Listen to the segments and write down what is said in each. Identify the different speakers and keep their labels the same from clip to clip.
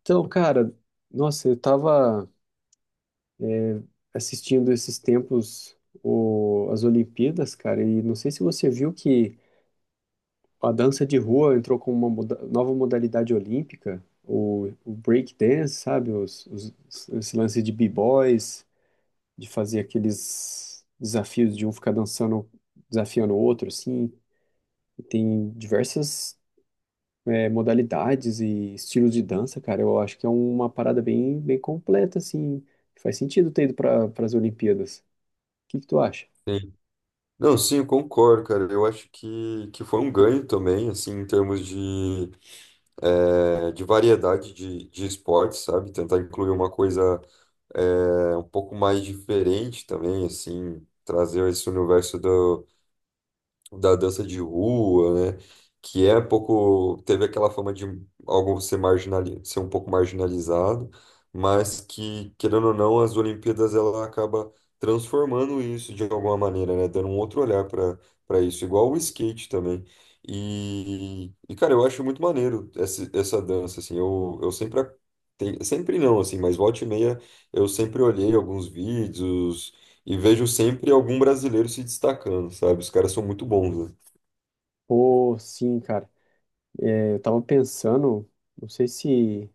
Speaker 1: Então, cara, nossa, eu tava assistindo esses tempos as Olimpíadas, cara, e não sei se você viu que a dança de rua entrou com uma nova modalidade olímpica, o break dance, sabe? Esse lance de b-boys, de fazer aqueles desafios de um ficar dançando, desafiando o outro, assim. E tem diversas modalidades e estilos de dança, cara, eu acho que é uma parada bem, bem completa, assim. Faz sentido ter ido para as Olimpíadas. O que que tu acha?
Speaker 2: Sim. Não, sim, eu concordo, cara. Eu acho que foi um ganho também, assim, em termos de variedade de esportes, sabe? Tentar incluir uma coisa é um pouco mais diferente também, assim, trazer esse universo do da dança de rua, né? Que é um pouco, teve aquela fama de algo ser ser um pouco marginalizado, mas que, querendo ou não, as Olimpíadas ela acaba transformando isso de alguma maneira, né? Dando um outro olhar para isso, igual o skate também. E, cara, eu acho muito maneiro essa dança, assim, eu sempre não, assim, mas volta e meia eu sempre olhei alguns vídeos, e vejo sempre algum brasileiro se destacando, sabe? Os caras são muito bons, né?
Speaker 1: Pô, sim, cara. Eu tava pensando, não sei se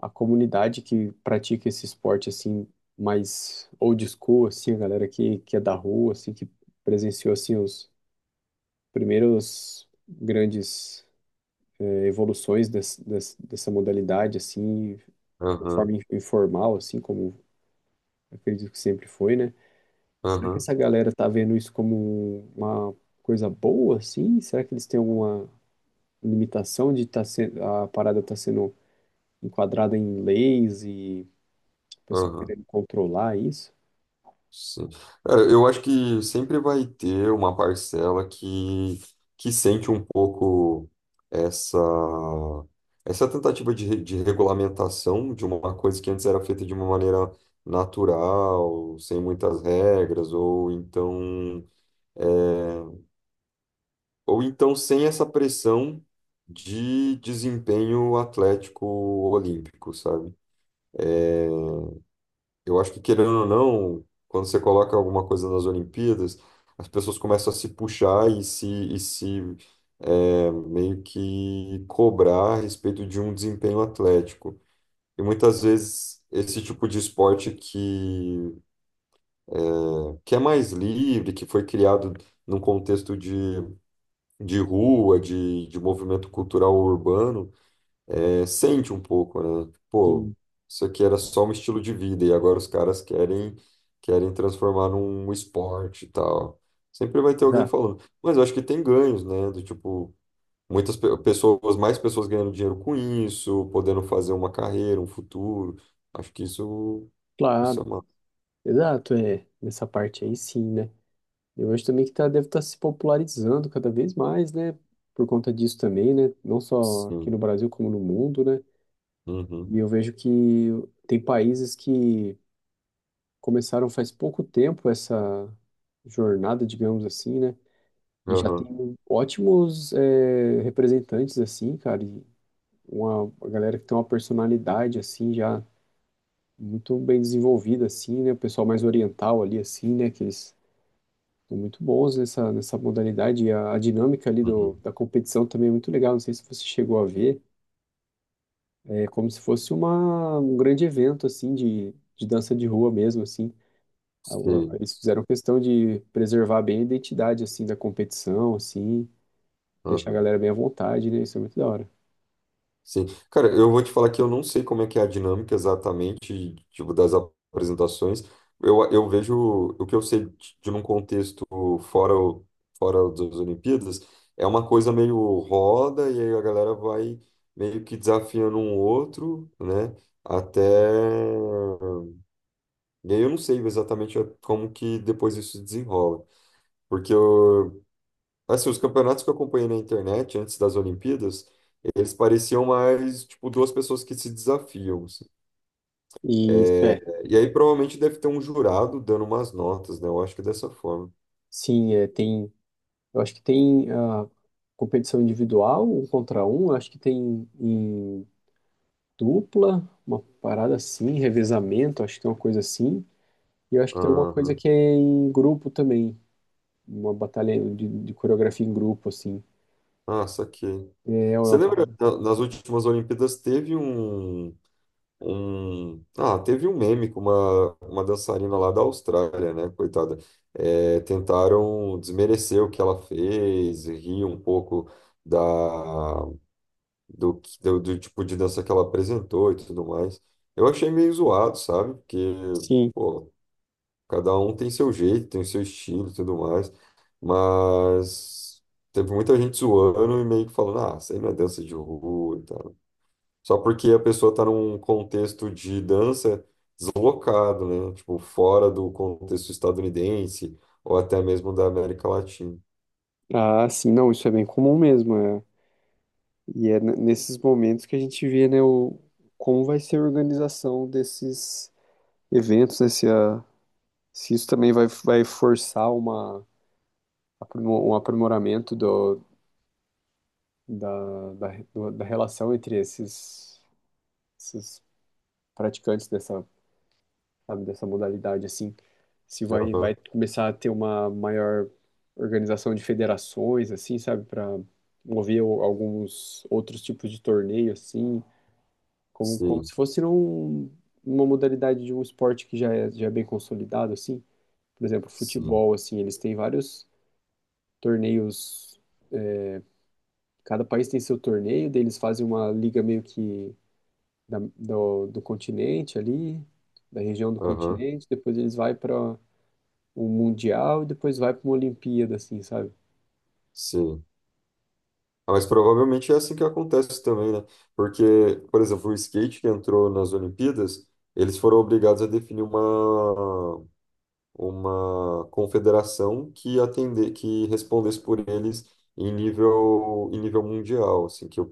Speaker 1: a comunidade que pratica esse esporte, assim, mais old school, assim, a galera que é da rua, assim, que presenciou, assim, os primeiros grandes evoluções dessa modalidade, assim, de uma
Speaker 2: Aham,
Speaker 1: forma informal, assim, como acredito que sempre foi, né? Será que
Speaker 2: aham,
Speaker 1: essa galera tá vendo isso como uma coisa boa, assim? Será que eles têm alguma limitação de tá sendo, a parada tá sendo enquadrada em leis e o pessoal
Speaker 2: aham.
Speaker 1: querendo controlar isso?
Speaker 2: Sim. Cara, eu acho que sempre vai ter uma que sente um pouco essa, essa tentativa de regulamentação de uma coisa que antes era feita de uma maneira natural, sem muitas regras, ou então é, Ou então sem essa pressão de desempenho atlético olímpico, sabe? Eu acho que, querendo ou não, quando você coloca alguma coisa nas Olimpíadas, as pessoas começam a se puxar e se meio que cobrar a respeito de um desempenho atlético. E muitas vezes esse tipo de que é mais livre, que foi criado num contexto de rua, de movimento cultural urbano, sente um pouco, né? Pô,
Speaker 1: Sim,
Speaker 2: isso aqui era só um estilo de vida e agora os caras querem transformar num esporte e tal. Sempre vai ter alguém
Speaker 1: exato,
Speaker 2: falando. Mas eu acho que tem ganhos, né? Do tipo, pessoas, mais pessoas ganhando dinheiro com isso, podendo fazer uma carreira, um futuro. Acho que isso
Speaker 1: claro,
Speaker 2: é uma.
Speaker 1: exato, é, nessa parte aí sim, né? Eu acho também que tá, deve estar se popularizando cada vez mais, né? Por conta disso também, né? Não só aqui
Speaker 2: Sim.
Speaker 1: no Brasil, como no mundo, né?
Speaker 2: Uhum.
Speaker 1: E eu vejo que tem países que começaram faz pouco tempo essa jornada, digamos assim, né? E já
Speaker 2: Aham.
Speaker 1: tem ótimos representantes, assim, cara, e uma galera que tem uma personalidade, assim, já muito bem desenvolvida, assim, né? O pessoal mais oriental ali, assim, né? Que eles são muito bons nessa modalidade. E a dinâmica ali
Speaker 2: Uhum.
Speaker 1: da competição também é muito legal. Não sei se você chegou a ver. É como se fosse uma, um grande evento, assim, de dança de rua mesmo, assim.
Speaker 2: Sim.
Speaker 1: Eles fizeram questão de preservar bem a identidade, assim, da competição, assim, deixar a
Speaker 2: Aham.
Speaker 1: galera bem à vontade, né? Isso é muito da hora.
Speaker 2: Sim. Cara, eu vou te falar que eu não sei como é que é a dinâmica exatamente, tipo, das apresentações. Eu vejo o que eu sei de num contexto fora, o- fora das Olimpíadas, é uma coisa meio roda, e aí a galera vai meio que desafiando um outro, né? Até. E aí eu não sei exatamente como que depois isso se desenrola. Porque eu, Assim, os campeonatos que eu acompanhei na internet antes das Olimpíadas, eles pareciam mais, tipo, duas pessoas que se desafiam, assim.
Speaker 1: E isso é.
Speaker 2: É, e aí provavelmente deve ter um jurado dando umas notas, né? Eu acho que é dessa forma.
Speaker 1: Sim, é, tem. Eu acho que tem a competição individual, um contra um, acho que tem em dupla, uma parada assim, revezamento, acho que tem uma coisa assim. E eu acho que tem alguma coisa
Speaker 2: Aham.
Speaker 1: que é em grupo também, uma batalha de coreografia em grupo, assim.
Speaker 2: Ah, saquei.
Speaker 1: É, é
Speaker 2: Você
Speaker 1: uma
Speaker 2: lembra,
Speaker 1: parada.
Speaker 2: na- nas últimas Olimpíadas teve um, teve um meme com uma dançarina lá da Austrália, né? Coitada. É, tentaram desmerecer o que ela fez, rir um pouco da do do tipo de dança que ela apresentou e tudo mais. Eu achei meio zoado, sabe? Porque,
Speaker 1: Sim.
Speaker 2: pô, cada um tem seu jeito, tem seu estilo e tudo mais. Mas teve muita gente zoando e meio que falando, ah, isso aí não é dança de rua e tal. Só porque a pessoa tá num contexto de dança deslocado, né? Tipo, fora do contexto estadunidense ou até mesmo da América Latina.
Speaker 1: Ah, sim, não, isso é bem comum mesmo. É. E é nesses momentos que a gente vê, né, o, como vai ser a organização desses eventos, né, se isso também vai, vai forçar uma, um aprimoramento do, da, da, do- da relação entre esses, esses praticantes dessa, sabe, dessa modalidade, assim, se vai, vai
Speaker 2: Aham,
Speaker 1: começar a ter uma maior organização de federações, assim, sabe, para mover alguns outros tipos de torneio, assim, como, como
Speaker 2: sim,
Speaker 1: se fosse num, uma modalidade de um esporte que já é bem consolidado, assim. Por exemplo,
Speaker 2: sim,
Speaker 1: futebol, assim, eles têm vários torneios. Cada país tem seu torneio, daí eles fazem uma liga meio que do continente ali, da região do
Speaker 2: aham,
Speaker 1: continente, depois eles vai para o Mundial e depois vai para uma Olimpíada, assim, sabe?
Speaker 2: sim. Ah, mas provavelmente é assim que acontece também, né? Porque, por exemplo, o skate que entrou nas Olimpíadas, eles foram obrigados a definir uma confederação que atender, que respondesse por eles em em nível mundial, assim,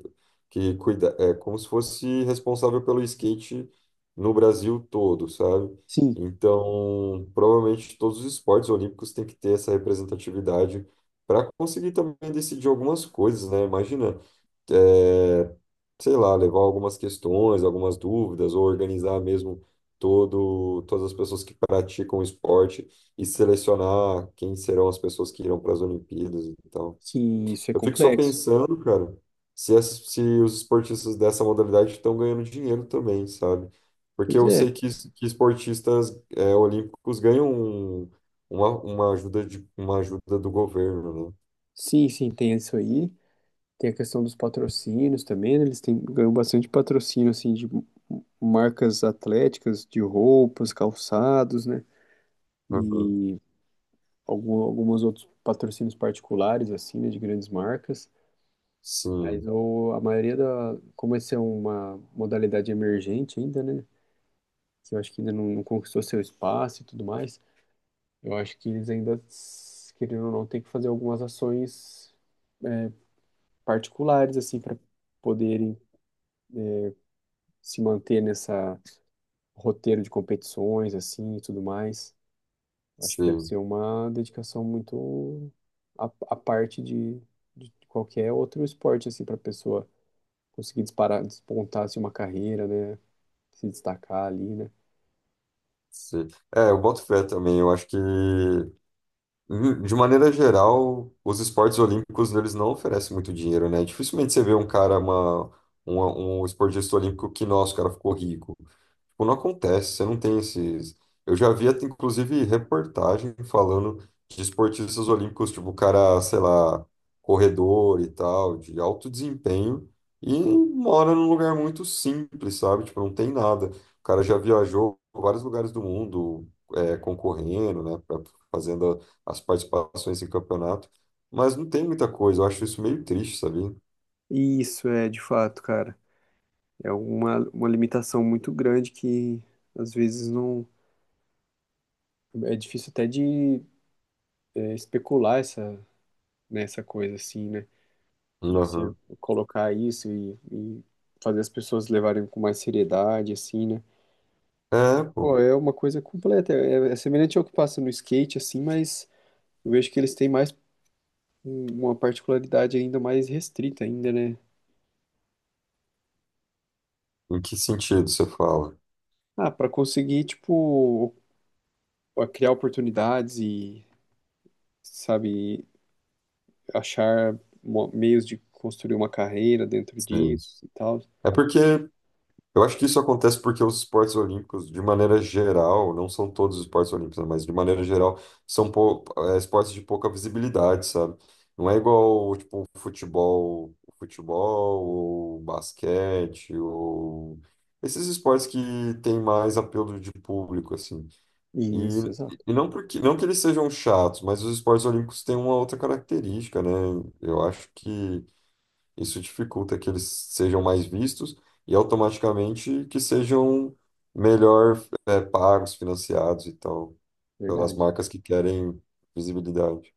Speaker 2: que cuida, é como se fosse responsável pelo skate no Brasil todo, sabe?
Speaker 1: Sim.
Speaker 2: Então, provavelmente todos os esportes olímpicos têm que ter essa representatividade para conseguir também decidir algumas coisas, né? Imagina é, sei lá, levar algumas questões, algumas dúvidas, ou organizar mesmo todas as pessoas que praticam esporte e selecionar quem serão as pessoas que irão para as Olimpíadas e tal.
Speaker 1: Sim, isso é
Speaker 2: Eu fico só
Speaker 1: complexo.
Speaker 2: pensando, cara, se os esportistas dessa modalidade estão ganhando dinheiro também, sabe? Porque
Speaker 1: Pois
Speaker 2: eu
Speaker 1: é,
Speaker 2: sei que esportistas olímpicos ganham uma ajuda uma ajuda do governo, né?
Speaker 1: sim, sim, tem isso aí. Tem a questão dos patrocínios também, né? Eles têm, ganham bastante patrocínio, assim, de marcas atléticas, de roupas, calçados, né?
Speaker 2: Aham.
Speaker 1: E algum, alguns outros patrocínios particulares, assim, né? De grandes marcas. Mas
Speaker 2: Sim,
Speaker 1: a maioria da... Como essa é uma modalidade emergente ainda, né? Que eu acho que ainda não, não conquistou seu espaço e tudo mais. Eu acho que eles ainda, querendo ou não, têm que fazer algumas ações é, particulares, assim, para poderem se manter nessa roteiro de competições, assim, e tudo mais. Acho que deve
Speaker 2: sim.
Speaker 1: ser uma dedicação muito à, à parte de qualquer outro esporte, assim, para a pessoa conseguir disparar, despontar, assim, uma carreira, né? Se destacar ali, né?
Speaker 2: Sim. É, eu boto fé também. Eu acho que, de maneira geral, os esportes olímpicos eles não oferecem muito dinheiro, né? Dificilmente você vê um cara, um esportista olímpico que, nossa, o cara ficou rico. Tipo, não acontece, você não tem esses. Eu já vi, até, inclusive, reportagem falando de esportistas olímpicos, tipo, o cara, sei lá, corredor e tal, de alto desempenho, e mora num lugar muito simples, sabe? Tipo, não tem nada. O cara já viajou por vários lugares do mundo, concorrendo, né? Fazendo as participações em campeonato, mas não tem muita coisa. Eu acho isso meio triste, sabia?
Speaker 1: Isso é, de fato, cara. É uma limitação muito grande que, às vezes, não... É difícil até de especular essa, nessa coisa, assim, né? De você
Speaker 2: Uhum.
Speaker 1: colocar isso e fazer as pessoas levarem com mais seriedade, assim, né?
Speaker 2: É, pô.
Speaker 1: Pô, é uma coisa completa, é, é semelhante ao que passa no skate, assim, mas eu vejo que eles têm mais uma particularidade ainda mais restrita ainda, né?
Speaker 2: Em que sentido você fala?
Speaker 1: Ah, para conseguir, tipo, criar oportunidades e, sabe, achar meios de construir uma carreira dentro
Speaker 2: Sei.
Speaker 1: disso e tal.
Speaker 2: É porque eu acho que isso acontece porque os esportes olímpicos, de maneira geral, não são todos os esportes olímpicos, né, mas de maneira geral, são pou- esportes de pouca visibilidade, sabe? Não é igual, tipo, futebol, futebol, ou basquete, ou esses esportes que têm mais apelo de público, assim.
Speaker 1: Isso,
Speaker 2: E,
Speaker 1: exato.
Speaker 2: e não porque, não que eles sejam chatos, mas os esportes olímpicos têm uma outra característica, né? Eu acho que isso dificulta que eles sejam mais vistos e automaticamente que sejam melhor, pagos, financiados e tal, pelas
Speaker 1: Verdade,
Speaker 2: marcas que querem visibilidade.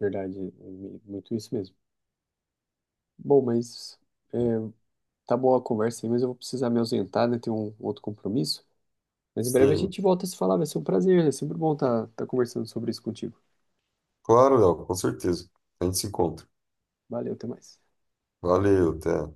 Speaker 1: verdade. É muito isso mesmo. Bom, mas tá boa a conversa aí, mas eu vou precisar me ausentar, né? Tem um outro compromisso. Mas em breve a
Speaker 2: Sim,
Speaker 1: gente volta a se falar, vai ser um prazer, é sempre bom estar tá conversando sobre isso contigo.
Speaker 2: claro, Léo, com certeza. A gente se encontra.
Speaker 1: Valeu, até mais.
Speaker 2: Valeu, até.